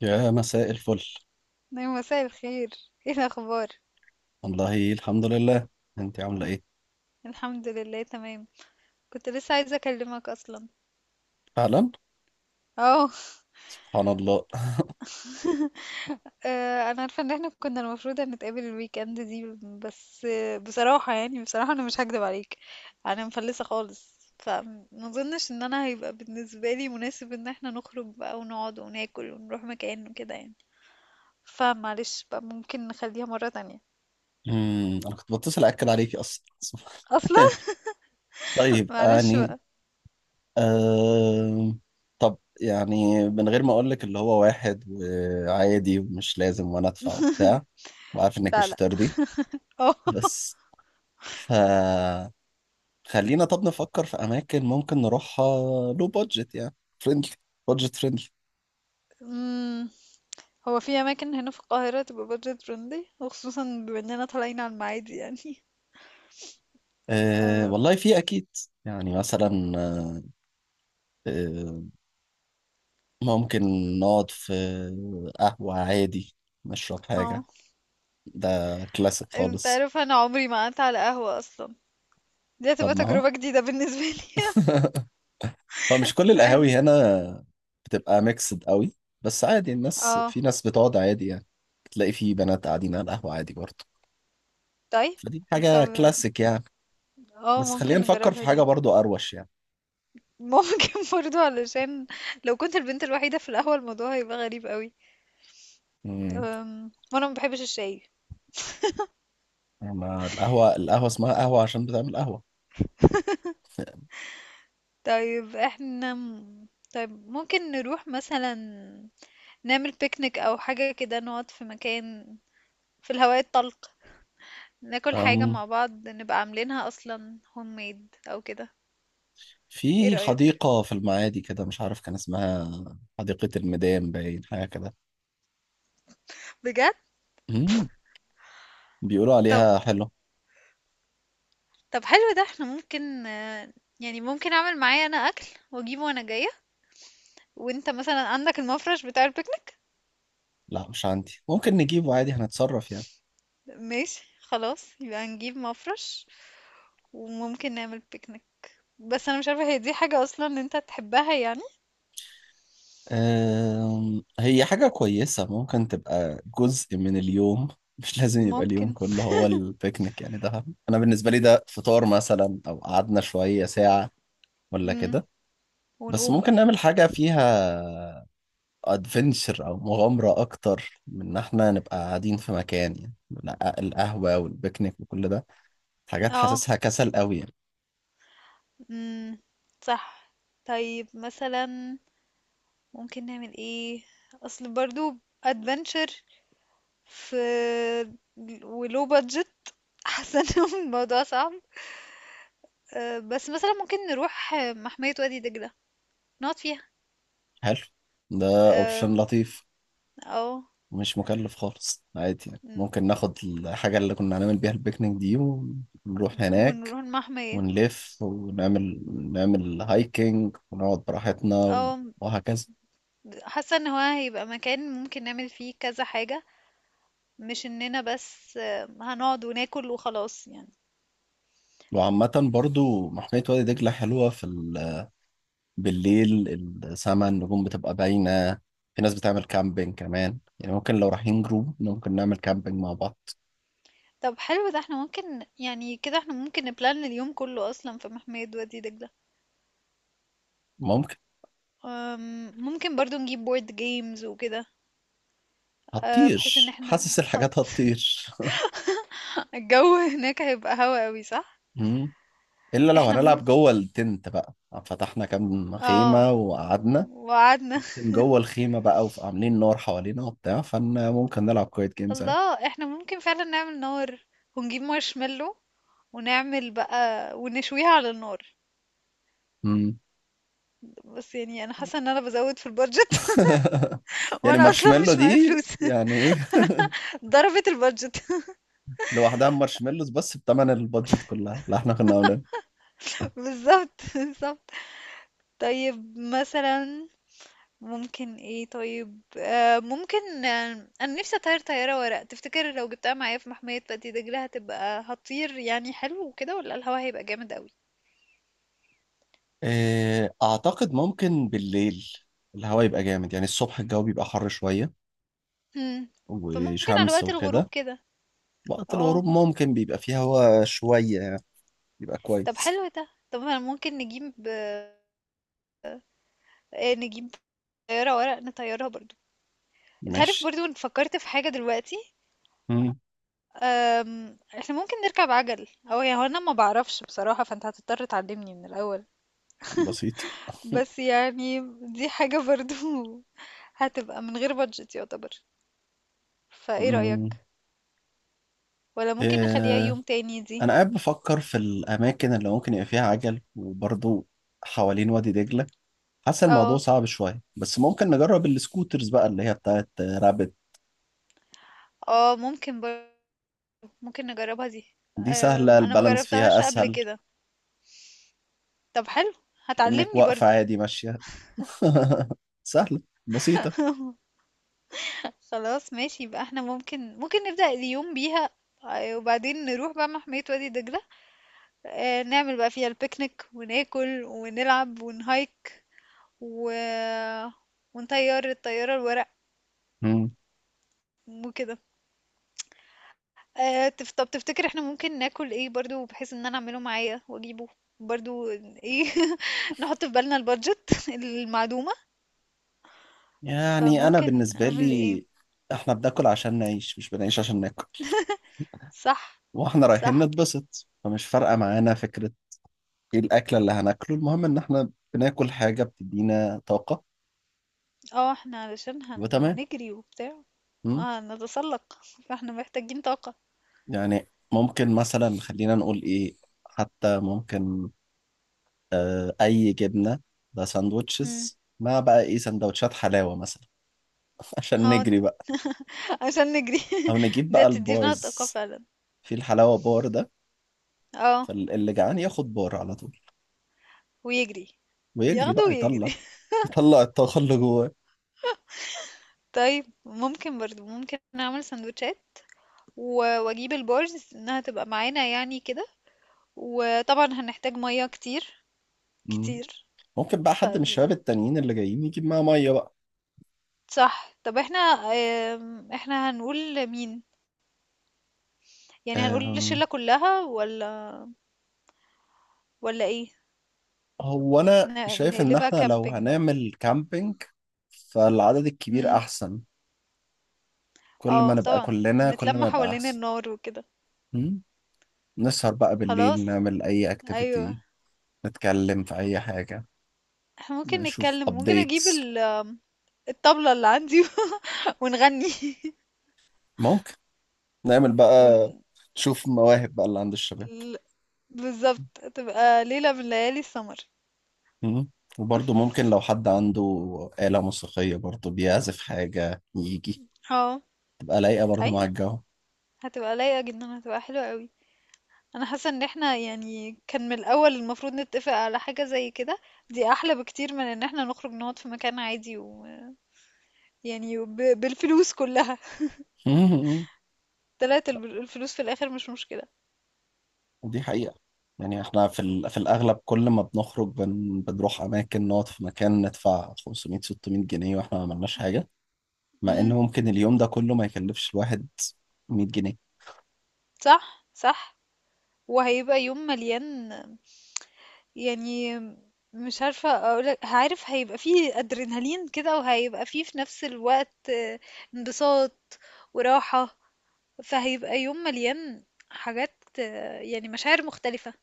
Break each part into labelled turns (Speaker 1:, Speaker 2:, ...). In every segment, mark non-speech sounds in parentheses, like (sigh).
Speaker 1: يا مساء الفل.
Speaker 2: نعم، مساء الخير. ايه الاخبار؟
Speaker 1: والله الحمد لله. انت عامله ايه؟
Speaker 2: الحمد لله، تمام. كنت لسه عايزه اكلمك اصلا.
Speaker 1: فعلا.
Speaker 2: اه.
Speaker 1: سبحان الله.
Speaker 2: انا عارفه ان احنا كنا المفروض هنتقابل الويك اند دي. بس بصراحه انا مش هكدب عليك. انا مفلسه خالص، فما اظنش ان انا هيبقى بالنسبه لي مناسب ان احنا نخرج بقى ونقعد وناكل ونروح مكان وكده يعني. فمعلش بقى، ممكن نخليها مره تانية.
Speaker 1: انا كنت بتصل اكد عليكي اصلا (laughs) سبحان.
Speaker 2: اصلا. (laughs)
Speaker 1: طيب
Speaker 2: معلش
Speaker 1: يعني.
Speaker 2: بقى.
Speaker 1: آه... طب يعني من غير ما اقول لك اللي هو واحد وعادي ومش لازم وانا ادفع وبتاع، وعارف انك
Speaker 2: لا،
Speaker 1: مش
Speaker 2: لا.
Speaker 1: هترضي.
Speaker 2: اه.
Speaker 1: بس ف خلينا طب نفكر في اماكن ممكن نروحها لو بادجت يعني فريندلي. بادجت فريندلي.
Speaker 2: (laughs) هو في أماكن هنا في القاهرة تبقى بادجت فريندلي، وخصوصا بما إننا طالعين على المعادي يعني.
Speaker 1: أه
Speaker 2: اه.
Speaker 1: والله في اكيد. يعني مثلا، آه، ممكن نقعد في قهوة عادي نشرب حاجة.
Speaker 2: آه.
Speaker 1: ده كلاسيك
Speaker 2: انت
Speaker 1: خالص.
Speaker 2: عارف، أنا عمري ما قعدت على قهوة أصلا. دي هتبقى
Speaker 1: طب ما هو
Speaker 2: تجربة جديدة بالنسبة لي.
Speaker 1: (laughs) هو مش كل
Speaker 2: (laughs) يعني.
Speaker 1: القهاوي هنا بتبقى ميكسد قوي، بس عادي الناس،
Speaker 2: اه.
Speaker 1: في ناس بتقعد عادي يعني. تلاقي في بنات قاعدين على القهوة عادي برضه.
Speaker 2: طيب.
Speaker 1: فدي حاجة
Speaker 2: طب،
Speaker 1: كلاسيك يعني.
Speaker 2: اه
Speaker 1: بس خلينا
Speaker 2: ممكن
Speaker 1: نفكر في
Speaker 2: نجربها
Speaker 1: حاجة
Speaker 2: دي.
Speaker 1: برضه أروش يعني.
Speaker 2: ممكن (laughs) برضو علشان لو كنت البنت الوحيدة في القهوة، الموضوع هيبقى غريب قوي.
Speaker 1: امم
Speaker 2: وانا ما بحبش الشاي.
Speaker 1: أما القهوة اسمها قهوة عشان بتعمل قهوة (laughs)
Speaker 2: طيب، احنا طيب، ممكن نروح مثلا نعمل بيكنيك او حاجة كده، نقعد في مكان في الهواء الطلق، ناكل حاجة
Speaker 1: أم
Speaker 2: مع بعض، نبقى عاملينها أصلا هوم ميد أو كده. ايه
Speaker 1: في
Speaker 2: رأيك؟
Speaker 1: حديقة في المعادي كده مش عارف كان اسمها، حديقة الميدان باين، حاجة
Speaker 2: بجد.
Speaker 1: كده بيقولوا
Speaker 2: طب.
Speaker 1: عليها حلو.
Speaker 2: طب، حلو ده احنا ممكن يعني ممكن أعمل معايا أنا أكل وأجيبه وأنا جاية، وأنت مثلا عندك المفرش بتاع البيكنيك.
Speaker 1: لا مش عندي، ممكن نجيبه عادي، هنتصرف يعني.
Speaker 2: ماشي خلاص، يبقى نجيب مفرش وممكن نعمل بيكنيك. بس أنا مش عارفة هي دي حاجة أصلا أنت تحبها يعني؟
Speaker 1: هي حاجة كويسة ممكن تبقى جزء من اليوم (laughs) مش لازم يبقى اليوم
Speaker 2: ممكن.
Speaker 1: كله هو البيكنيك يعني، ده أنا بالنسبة لي ده فطار مثلا أو قعدنا شوية ساعة ولا
Speaker 2: مم.
Speaker 1: كده. بس
Speaker 2: ونقوم بقى.
Speaker 1: ممكن نعمل حاجة فيها ادفنتشر أو مغامرة أكتر من إن إحنا نبقى قاعدين في مكان يعني. لا، القهوة والبيكنيك وكل ده حاجات
Speaker 2: اه.
Speaker 1: حاسسها كسل قوي يعني.
Speaker 2: مم. صح. طيب، مثلا ممكن نعمل ايه؟ اصل برضو ادفنتشر في، ولو بادجت (laughs) حاسه ان الموضوع صعب. بس مثلا ممكن نروح محمية وادي دجلة نقعد فيها.
Speaker 1: حلو، ده أوبشن
Speaker 2: أم،
Speaker 1: لطيف.
Speaker 2: او
Speaker 1: مش مكلف خالص عادي يعني،
Speaker 2: ن-
Speaker 1: ممكن ناخد الحاجة اللي كنا هنعمل بيها البيكنيك دي ونروح هناك
Speaker 2: ونروح المحمية.
Speaker 1: ونلف ونعمل هايكنج ونقعد براحتنا،
Speaker 2: اه.
Speaker 1: وهكذا.
Speaker 2: حاسه ان هو هيبقى مكان ممكن نعمل فيه كذا حاجة، مش اننا بس هنقعد وناكل وخلاص يعني.
Speaker 1: وعامة برضو محمية وادي دجلة حلوة بالليل، السما النجوم بتبقى باينة. في ناس بتعمل كامبينج كمان، يعني ممكن لو رايحين جروب ممكن نعمل كامبينج مع بعض.
Speaker 2: طب، حلو ده احنا ممكن يعني كده احنا ممكن نبلان اليوم كله اصلا في محمية وادي دجلة.
Speaker 1: ممكن.
Speaker 2: ممكن برضو نجيب بورد جيمز وكده. بحيث ان احنا
Speaker 1: حاسس الحاجات هتطير
Speaker 2: الجو (laughs) هناك هيبقى هوا قوي، صح؟
Speaker 1: (laughs) مم. الا لو
Speaker 2: احنا
Speaker 1: هنلعب
Speaker 2: ممكن.
Speaker 1: جوه التنت بقى، فتحنا كام
Speaker 2: اه.
Speaker 1: خيمه وقعدنا
Speaker 2: وقعدنا.
Speaker 1: جوه الخيمه بقى وعاملين نار حوالينا وبتاع، فانا ممكن نلعب كويت
Speaker 2: (laughs)
Speaker 1: جيمز عادي.
Speaker 2: الله، احنا ممكن فعلا نعمل نار ونجيب مارشميلو ونعمل بقى ونشويها على النار.
Speaker 1: مم.
Speaker 2: بس يعني انا حاسه ان انا بزود في البادجت.
Speaker 1: (laughs)
Speaker 2: (laughs)
Speaker 1: يعني
Speaker 2: وانا اصلا
Speaker 1: مارشميلو
Speaker 2: مش معايا
Speaker 1: دي
Speaker 2: فلوس.
Speaker 1: يعني ايه؟
Speaker 2: (laughs) ضربت البادجت.
Speaker 1: (laughs) لوحدها مارشميلوز بس بتمن البادجت كلها اللي احنا كنا عاملينها.
Speaker 2: (laughs) بالظبط، بالظبط. طيب، مثلا ممكن ايه؟ طيب، ممكن انا نفسي اطير طيارة ورق. تفتكر لو جبتها معايا في محمية وادي دجلة هتبقى هتطير؟ يعني حلو وكده، ولا الهوا هيبقى جامد قوي؟
Speaker 1: إيه، اعتقد ممكن بالليل الهواء يبقى جامد، يعني الصبح الجو بيبقى حر شويه
Speaker 2: هم. فممكن على
Speaker 1: وشمس
Speaker 2: وقت الغروب
Speaker 1: وكده.
Speaker 2: كده.
Speaker 1: وقت الغروب
Speaker 2: اه.
Speaker 1: ممكن بيبقى فيه هواء شويه، يعني بيبقى
Speaker 2: طب،
Speaker 1: كويس.
Speaker 2: حلو ده. طب، انا ممكن نجيب طيارة ورق نطيرها برضو. انت عارف
Speaker 1: ماشي.
Speaker 2: برضو إن فكرت في حاجة دلوقتي. احنا ممكن نركب عجل، او يعني هو انا ما بعرفش بصراحة، فانت هتضطر تعلمني من الاول.
Speaker 1: بسيط.
Speaker 2: بس يعني دي حاجة برضو (laughs) هتبقى من غير بادجت يعتبر. فايه
Speaker 1: أمم.
Speaker 2: رأيك؟ ولا ممكن نخليها
Speaker 1: آه،
Speaker 2: يوم تاني دي؟
Speaker 1: أنا قاعد بفكر في الأماكن اللي ممكن يبقى فيها عجل، وبرضو حوالين وادي دجلة حاسس الموضوع
Speaker 2: اه
Speaker 1: صعب شوية. بس ممكن نجرب السكوترز بقى اللي هي بتاعت رابت.
Speaker 2: اه. ممكن نجربها دي.
Speaker 1: دي سهلة،
Speaker 2: انا
Speaker 1: البالانس فيها
Speaker 2: مجربتهاش قبل
Speaker 1: أسهل،
Speaker 2: كده. طب، حلو.
Speaker 1: كأنك
Speaker 2: هتعلمني
Speaker 1: واقفة
Speaker 2: برضو؟
Speaker 1: عادي ماشية (laughs) سهلة، بسيطة.
Speaker 2: خلاص، ماشي يبقى احنا ممكن نبدأ اليوم بيها. وبعدين نروح بقى محمية وادي دجلة. نعمل بقى فيها البيكنيك وناكل ونلعب ونهايك و... ونطير الطيارة الورق
Speaker 1: أمم.
Speaker 2: وكده. طب، تفتكر احنا ممكن ناكل ايه برضو؟ بحيث ان انا اعمله معايا واجيبه برضو ايه. (laughs) نحط في بالنا البادجت (laughs) المعدومة.
Speaker 1: يعني أنا
Speaker 2: فممكن
Speaker 1: بالنسبة
Speaker 2: اعمل ايه؟
Speaker 1: لي إحنا بناكل عشان نعيش، مش بنعيش عشان ناكل.
Speaker 2: صح،
Speaker 1: وإحنا رايحين
Speaker 2: صح.
Speaker 1: نتبسط فمش فارقة معانا فكرة ايه الاكله اللي هناكله، المهم ان احنا بناكل حاجه بتدينا طاقه
Speaker 2: اه، احنا علشان
Speaker 1: وتمام.
Speaker 2: هنجري وبتاع.
Speaker 1: مم.
Speaker 2: اه، هنتسلق، فاحنا محتاجين طاقة.
Speaker 1: يعني ممكن مثلا خلينا نقول ايه، حتى ممكن اي جبنه، ده
Speaker 2: امم
Speaker 1: ساندوتشز مع بقى ايه سندوتشات حلاوه مثلا (laughs) عشان
Speaker 2: اه.
Speaker 1: نجري بقى،
Speaker 2: (laughs) عشان نجري. (laughs)
Speaker 1: او نجيب
Speaker 2: دي
Speaker 1: بقى
Speaker 2: هتدينا طاقة
Speaker 1: البارز،
Speaker 2: فعلا.
Speaker 1: في الحلاوه بار ده.
Speaker 2: اه.
Speaker 1: فاللي جعان ياخد بار على طول
Speaker 2: ويجري.
Speaker 1: ويجري
Speaker 2: ياخده
Speaker 1: بقى يطلع
Speaker 2: ويجري.
Speaker 1: يطلع الطاقه اللي جواه.
Speaker 2: (laughs) طيب، ممكن نعمل سندوتشات، واجيب البارز انها تبقى معانا يعني كده. وطبعًا هنحتاج مَيّة كتير،
Speaker 1: مم.
Speaker 2: كتير.
Speaker 1: ممكن بقى حد من الشباب
Speaker 2: فدي
Speaker 1: التانيين اللي جايين يجيب معاه ميه بقى.
Speaker 2: صح. طب، إحنا إحنا هنقول لمين؟ يعني هنقول
Speaker 1: أم،
Speaker 2: للشلة كلّها والّا والّا إيه؟
Speaker 1: هو انا
Speaker 2: ن
Speaker 1: شايف ان
Speaker 2: نقلبها
Speaker 1: احنا لو
Speaker 2: camping بقى.
Speaker 1: هنعمل كامبينج فالعدد الكبير
Speaker 2: إمم،
Speaker 1: احسن، كل ما
Speaker 2: آه
Speaker 1: نبقى
Speaker 2: طبعًا،
Speaker 1: كلنا كل
Speaker 2: ونتلم
Speaker 1: ما يبقى
Speaker 2: حوالين
Speaker 1: احسن.
Speaker 2: النار وكده.
Speaker 1: هم؟ نسهر بقى بالليل
Speaker 2: خلاص،
Speaker 1: نعمل اي
Speaker 2: أيوه.
Speaker 1: اكتيفيتي، نتكلم في اي حاجة،
Speaker 2: إحنا ممكن
Speaker 1: نشوف
Speaker 2: نتكلم، ممكن أجيب
Speaker 1: ابديتس.
Speaker 2: ال آم، الطبلة اللي عندي. (laughs) ونغني. (laughs)
Speaker 1: ممكن نعمل
Speaker 2: ون
Speaker 1: بقى، نشوف مواهب بقى اللي عند الشباب.
Speaker 2: ل بالضبط، هتبقى ليلة من ليالي السمر.
Speaker 1: هم؟ وبرضه ممكن لو حد عنده آلة موسيقية برضه بيعزف حاجة يجي،
Speaker 2: آه،
Speaker 1: تبقى لايقة برضه مع
Speaker 2: أيوه،
Speaker 1: الجو
Speaker 2: هتبقى لايقة جدًا، هتبقى حلوة أوي. انا حاسه ان احنا يعني كان من الاول المفروض نتفق على حاجه زي كده. دي احلى بكتير من ان احنا نخرج نقعد في مكان عادي و يعني بالفلوس كلها.
Speaker 1: (laughs)
Speaker 2: (laughs) طلعت الفلوس في الاخر، مش مشكله.
Speaker 1: دي حقيقة. يعني احنا في الأغلب كل ما بنخرج بنروح أماكن نقعد في مكان ندفع 500 600 جنيه واحنا ما عملناش حاجة، مع إن
Speaker 2: امم
Speaker 1: ممكن اليوم ده كله ما يكلفش الواحد 100 جنيه.
Speaker 2: صح، صح. وهيبقى يوم مليان يعني. مش عارفه اقولك، عارف هيبقى فيه ادرينالين كده، وهيبقى فيه في نفس الوقت انبساط وراحه. فهيبقى يوم مليان حاجات، يعني مشاعر مختلفه.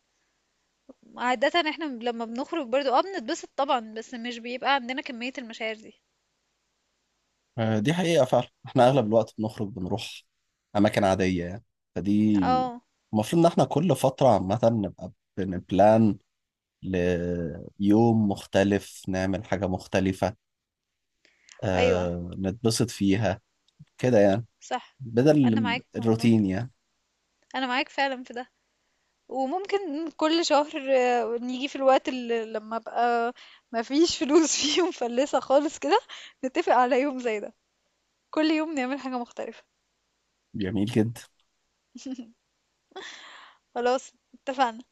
Speaker 2: عادة احنا لما بنخرج برضو بنتبسط طبعا، بس مش بيبقى عندنا كمية المشاعر دي.
Speaker 1: دي حقيقة فعلا، احنا أغلب الوقت بنخرج بنروح أماكن عادية يعني. فدي
Speaker 2: اه.
Speaker 1: المفروض إن احنا كل فترة عامة نبقى بنبلان ليوم مختلف، نعمل حاجة مختلفة
Speaker 2: ايوه.
Speaker 1: نتبسط فيها كده يعني،
Speaker 2: صح.
Speaker 1: بدل
Speaker 2: انا معاك والله.
Speaker 1: الروتين يعني.
Speaker 2: انا معاك فعلا في ده. وممكن كل شهر نيجي في الوقت اللي لما ابقى مفيش فلوس (laughs) فيه، ومفلسة خالص كده، نتفق على يوم زي ده. كل يوم نعمل حاجة مختلفة.
Speaker 1: جميل جدا.
Speaker 2: خلاص، اتفقنا.